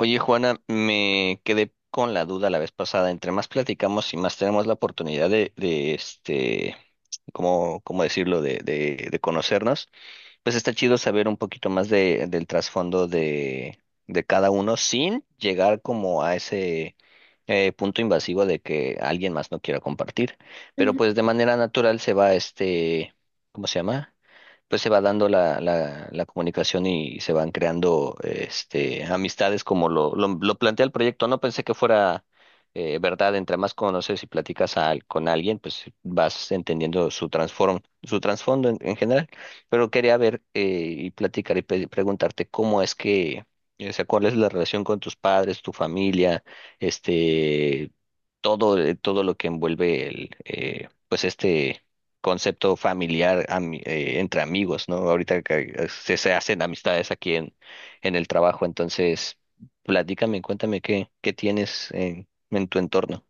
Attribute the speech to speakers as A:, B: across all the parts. A: Oye, Juana, me quedé con la duda la vez pasada. Entre más platicamos y más tenemos la oportunidad de ¿cómo decirlo? De, de conocernos, pues está chido saber un poquito más de, del trasfondo de cada uno sin llegar como a ese punto invasivo de que alguien más no quiera compartir. Pero pues de manera natural se va ¿cómo se llama? Pues se va dando la comunicación y se van creando este, amistades como lo plantea el proyecto. No pensé que fuera verdad, entre más conoces y platicas con alguien, pues vas entendiendo su su trasfondo en general. Pero quería ver y platicar y preguntarte cómo es que, o sea, cuál es la relación con tus padres, tu familia, este, todo, todo lo que envuelve el, pues este concepto familiar entre amigos, ¿no? Ahorita que se hacen amistades aquí en el trabajo, entonces platícame, cuéntame qué, qué tienes en tu entorno.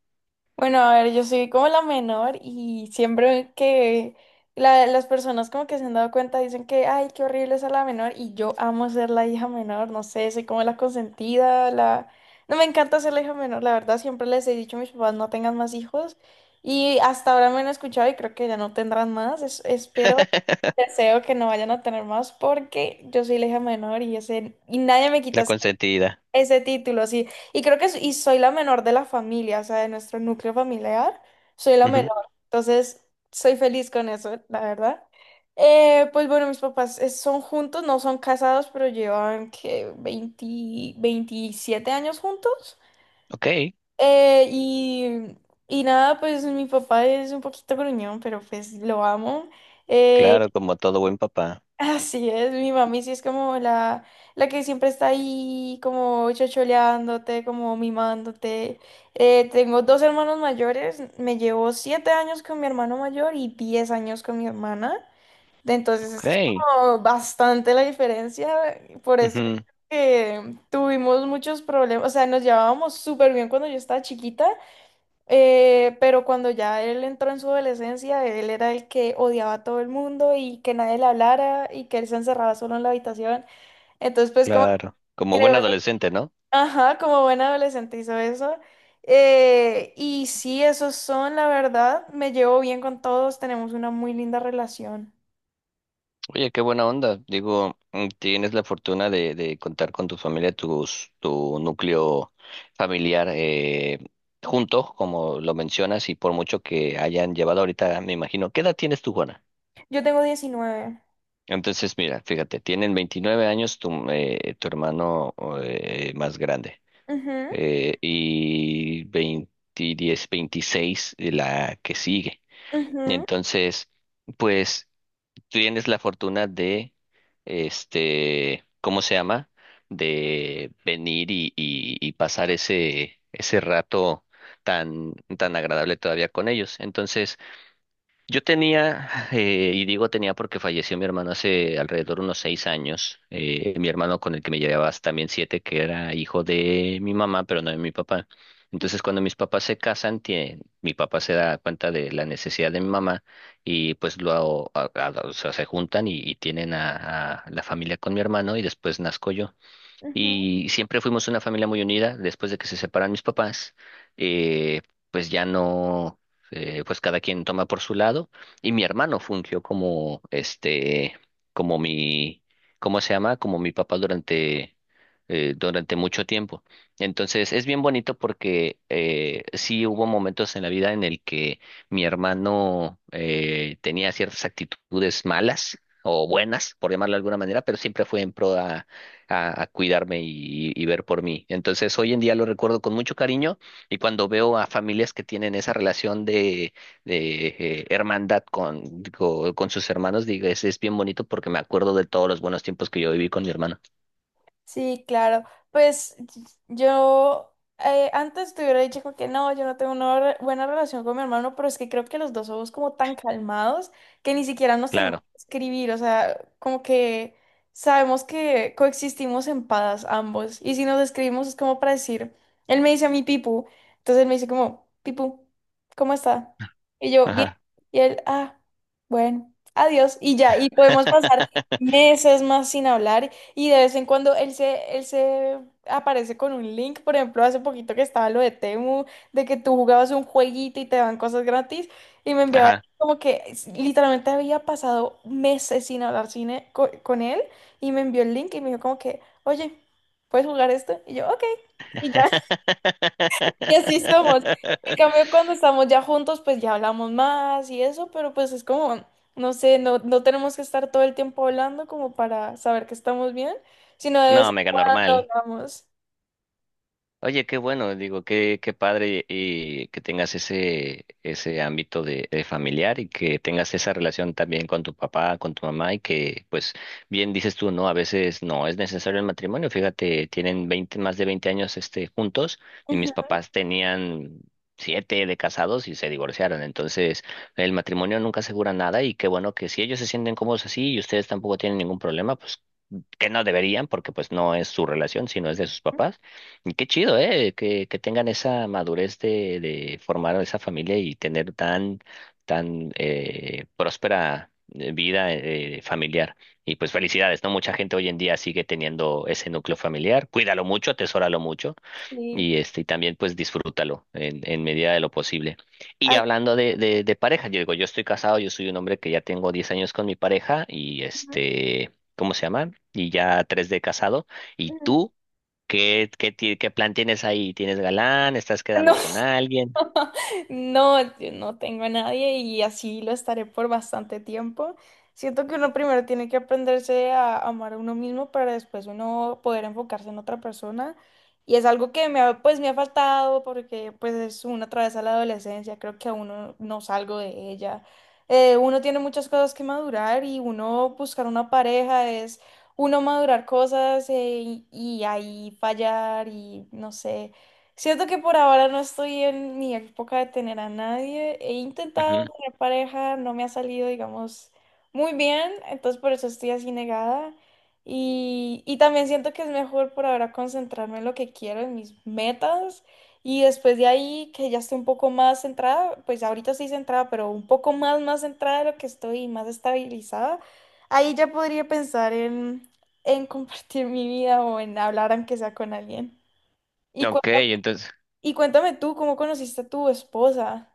B: Bueno, a ver, yo soy como la menor y siempre que las personas como que se han dado cuenta dicen que, ay, qué horrible ser la menor y yo amo ser la hija menor, no sé, soy como la consentida, la... No me encanta ser la hija menor, la verdad, siempre les he dicho a mis papás no tengan más hijos y hasta ahora me han escuchado y creo que ya no tendrán más, espero, deseo que no vayan a tener más porque yo soy la hija menor y, ese, y nadie me
A: La
B: quita
A: consentida.
B: ese título, sí. Y creo que y soy la menor de la familia, o sea, de nuestro núcleo familiar, soy la
A: Ujú.
B: menor. Entonces, soy feliz con eso, la verdad. Pues bueno, mis papás son juntos, no son casados, pero llevan que 20 27 años juntos.
A: Ok,
B: Eh, y, y nada, pues mi papá es un poquito gruñón, pero pues lo amo. Eh,
A: claro, como todo buen papá.
B: Así es, mi mami sí es como la que siempre está ahí como chocholeándote, como mimándote. Tengo dos hermanos mayores, me llevo 7 años con mi hermano mayor y 10 años con mi hermana. De Entonces
A: Ok,
B: es como bastante la diferencia, por eso
A: ujú,
B: que tuvimos muchos problemas, o sea, nos llevábamos súper bien cuando yo estaba chiquita pero cuando ya él entró en su adolescencia, él era el que odiaba a todo el mundo y que nadie le hablara y que él se encerraba solo en la habitación. Entonces, pues como
A: claro, como
B: creo,
A: buen adolescente, ¿no?
B: ajá, como buen adolescente hizo eso. Y sí, esos son, la verdad, me llevo bien con todos, tenemos una muy linda relación.
A: Oye, qué buena onda. Digo, tienes la fortuna de contar con tu familia, tus, tu núcleo familiar junto, como lo mencionas, y por mucho que hayan llevado ahorita, me imagino. ¿Qué edad tienes tú, Juana?
B: Yo tengo 19.
A: Entonces, mira, fíjate, tienen 29 años tu, tu hermano más grande
B: Ujú,
A: y 20, 10, 26 la que sigue.
B: ujú,
A: Entonces, pues tienes la fortuna de, ¿cómo se llama? De venir y pasar ese, ese rato tan, tan agradable todavía con ellos. Entonces, yo tenía, y digo tenía porque falleció mi hermano hace alrededor de unos 6 años, mi hermano con el que me llevaba también siete, que era hijo de mi mamá, pero no de mi papá. Entonces, cuando mis papás se casan, mi papá se da cuenta de la necesidad de mi mamá y pues o sea, se juntan y tienen a la familia con mi hermano y después nazco yo.
B: ujú.
A: Y siempre fuimos una familia muy unida. Después de que se separan mis papás, eh, pues ya no, pues cada quien toma por su lado. Y mi hermano fungió como, como mi, ¿cómo se llama? Como mi papá durante, durante mucho tiempo. Entonces es bien bonito porque sí hubo momentos en la vida en el que mi hermano tenía ciertas actitudes malas o buenas, por llamarlo de alguna manera, pero siempre fue en pro a cuidarme y ver por mí. Entonces, hoy en día lo recuerdo con mucho cariño y cuando veo a familias que tienen esa relación de, de hermandad con, digo, con sus hermanos, digo, es bien bonito porque me acuerdo de todos los buenos tiempos que yo viví con mi hermano.
B: Sí, claro. Pues y- yo Antes te hubiera dicho como que no, yo no tengo una buena relación con mi hermano, pero es que creo que los dos somos como tan calmados que ni siquiera nos tenemos
A: Claro.
B: que escribir, o sea, como que sabemos que coexistimos en paz ambos. Y si nos escribimos es como para decir, él me dice a mí Pipu, entonces él me dice como, Pipu, ¿cómo está? Y yo, bien.
A: Ajá.
B: Y él, ah, bueno, adiós. Y ya, y podemos pasar meses más sin hablar. Y de vez en cuando él se aparece con un link, por ejemplo, hace poquito que estaba lo de Temu, de que tú jugabas un jueguito y te daban cosas gratis, y me enviaba
A: Ajá.
B: como que literalmente había pasado meses sin hablar con él, y me envió el link y me dijo como que, oye, ¿puedes jugar esto? Y yo, ok, y ya. Y así somos. En cambio, cuando estamos ya juntos, pues ya hablamos más y eso, pero pues es como, no sé, no tenemos que estar todo el tiempo hablando como para saber que estamos bien, sino de vez
A: No,
B: en
A: mega
B: cuando
A: normal.
B: hablamos.
A: Oye, qué bueno, digo, qué, qué padre y que tengas ese, ese ámbito de familiar y que tengas esa relación también con tu papá, con tu mamá y que, pues, bien dices tú, ¿no? A veces no es necesario el matrimonio. Fíjate, tienen 20, más de 20 años, este, juntos y mis
B: Ujú.
A: papás tenían siete de casados y se divorciaron. Entonces, el matrimonio nunca asegura nada y qué bueno que si ellos se sienten cómodos así y ustedes tampoco tienen ningún problema, pues que no deberían porque pues no es su relación, sino es de sus papás. Y qué chido, ¿eh? Que tengan esa madurez de formar esa familia y tener tan, tan próspera vida familiar. Y pues felicidades, ¿no? Mucha gente hoy en día sigue teniendo ese núcleo familiar. Cuídalo mucho, atesóralo mucho
B: Sí.
A: y este, y también pues disfrútalo en medida de lo posible. Y
B: Así-
A: hablando de, de pareja, yo digo, yo estoy casado, yo soy un hombre que ya tengo 10 años con mi pareja y este, ¿cómo se llama? Y ya 3 de casado. ¿Y
B: ujú.
A: tú qué, qué, qué plan tienes ahí? ¿Tienes galán? ¿Estás
B: No,
A: quedando con alguien?
B: No, yo no tengo a nadie y así lo estaré por bastante tiempo. Siento que uno primero tiene que aprenderse a amar a uno mismo para después uno poder enfocarse en otra persona. Y es algo que me ha, pues, me ha faltado porque pues es una travesa a la adolescencia, creo que aún no salgo de ella. Uno tiene muchas cosas que madurar y uno buscar una pareja es uno madurar cosas y ahí fallar y no sé. Siento que por ahora no estoy en mi época de tener a nadie. He intentado
A: Ujú.
B: tener pareja, no me ha salido, digamos, muy bien, entonces por eso estoy así negada. Y también siento que es mejor por ahora concentrarme en lo que quiero, en mis metas. Y después de ahí, que ya estoy un poco más centrada, pues ahorita estoy centrada, pero un poco más, más centrada de lo que estoy y más estabilizada, ahí ya podría pensar en compartir mi vida o en hablar aunque sea con alguien. ¿Y cu-
A: Ok, entonces
B: y cuéntame tú, ¿cómo conociste a tu esposa?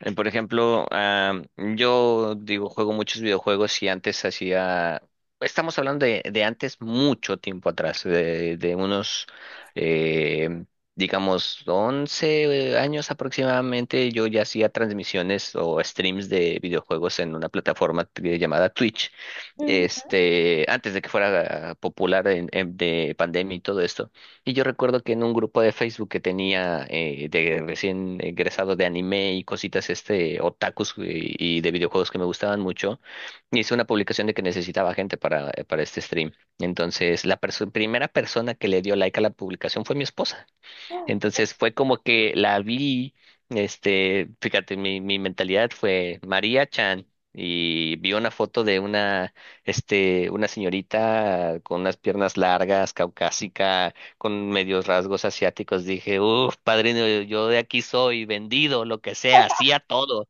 A: por ejemplo, ah, yo digo, juego muchos videojuegos y antes hacía, estamos hablando de antes mucho tiempo atrás, de unos, eh, digamos, 11 años aproximadamente, yo ya hacía transmisiones o streams de videojuegos en una plataforma llamada Twitch,
B: Ujú.
A: este, antes de que fuera popular en, de pandemia y todo esto. Y yo recuerdo que en un grupo de Facebook que tenía de recién egresado de anime y cositas este otakus y de videojuegos que me gustaban mucho, hice una publicación de que necesitaba gente para este stream. Entonces, la primera persona que le dio like a la publicación fue mi esposa. Entonces fue como que la vi, este, fíjate, mi mentalidad fue María Chan y vi una foto de una, este, una señorita con unas piernas largas, caucásica, con medios rasgos asiáticos. Dije, uff, padrino, yo de aquí soy, vendido, lo que sea, hacía todo.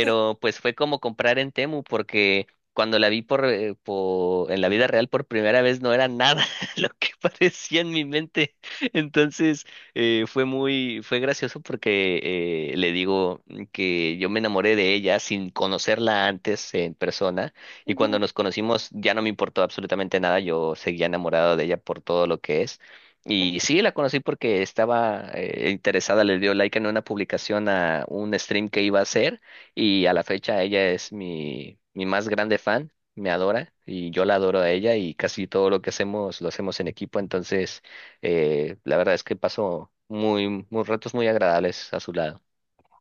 B: Sí.
A: pues fue como comprar en Temu porque... Cuando la vi por, en la vida real por primera vez no era nada lo que parecía en mi mente. Entonces, fue muy, fue gracioso porque le digo que yo me enamoré de ella sin conocerla antes en persona y
B: Ujú.
A: cuando nos conocimos ya no me importó absolutamente nada, yo seguía enamorado de ella por todo lo que es. Y sí, la conocí porque estaba interesada, le dio like en una publicación a un stream que iba a hacer y a la fecha ella es mi, mi más grande fan, me adora y yo la adoro a ella y casi todo lo que hacemos lo hacemos en equipo, entonces... La verdad es que pasó muy, muy ratos muy agradables a su lado.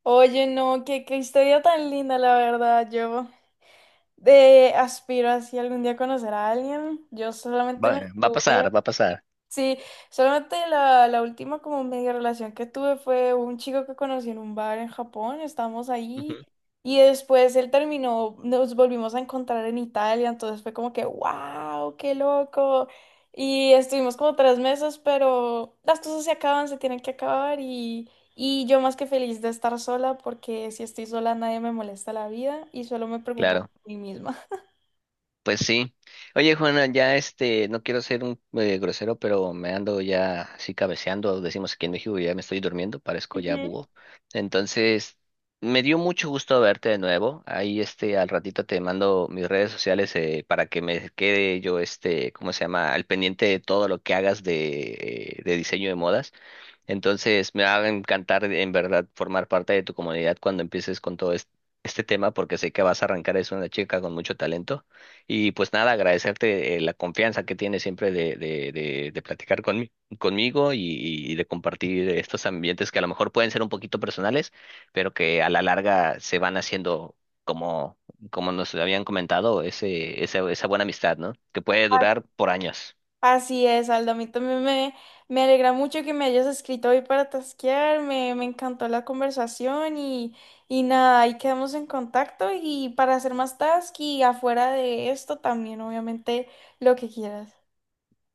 B: Oye, no, qué, qué historia tan linda, la verdad. Yo de aspiro así algún día a conocer a alguien. Yo solamente
A: Va,
B: me
A: va a pasar,
B: estuve.
A: va a pasar.
B: Sí, solamente la, la última como media relación que tuve fue un chico que conocí en un bar en Japón, estábamos ahí
A: Ujú.
B: y después él terminó, nos volvimos a encontrar en Italia, entonces fue como que, wow, qué loco. Y estuvimos como 3 meses, pero las cosas se acaban, se tienen que acabar y yo más que feliz de estar sola porque si estoy sola nadie me molesta la vida y solo me preocupo
A: Claro,
B: por mí misma.
A: pues sí. Oye, Juana, ya este, no quiero ser un grosero, pero me ando ya así cabeceando, decimos aquí en México, ya me estoy durmiendo, parezco ya
B: Ujú.
A: búho. Entonces, me dio mucho gusto verte de nuevo. Ahí este, al ratito te mando mis redes sociales para que me quede yo este, ¿cómo se llama? Al pendiente de todo lo que hagas de diseño de modas. Entonces, me va a encantar en verdad formar parte de tu comunidad cuando empieces con todo este, este tema, porque sé que vas a arrancar, es una chica con mucho talento. Y pues nada, agradecerte la confianza que tienes siempre de platicar conmigo y de compartir estos ambientes que a lo mejor pueden ser un poquito personales, pero que a la larga se van haciendo como, como nos habían comentado, ese, esa buena amistad, ¿no? Que puede durar por años.
B: Así es, Aldo. A mí también me alegra mucho que me hayas escrito hoy para tasquear. Me encantó la conversación y nada, ahí quedamos en contacto y para hacer más task y afuera de esto también, obviamente, lo que quieras.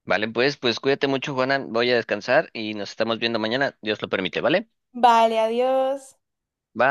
A: Vale, pues, pues cuídate mucho, Juana. Voy a descansar y nos estamos viendo mañana. Dios lo permite, ¿vale?
B: Vale, adiós.
A: Bye.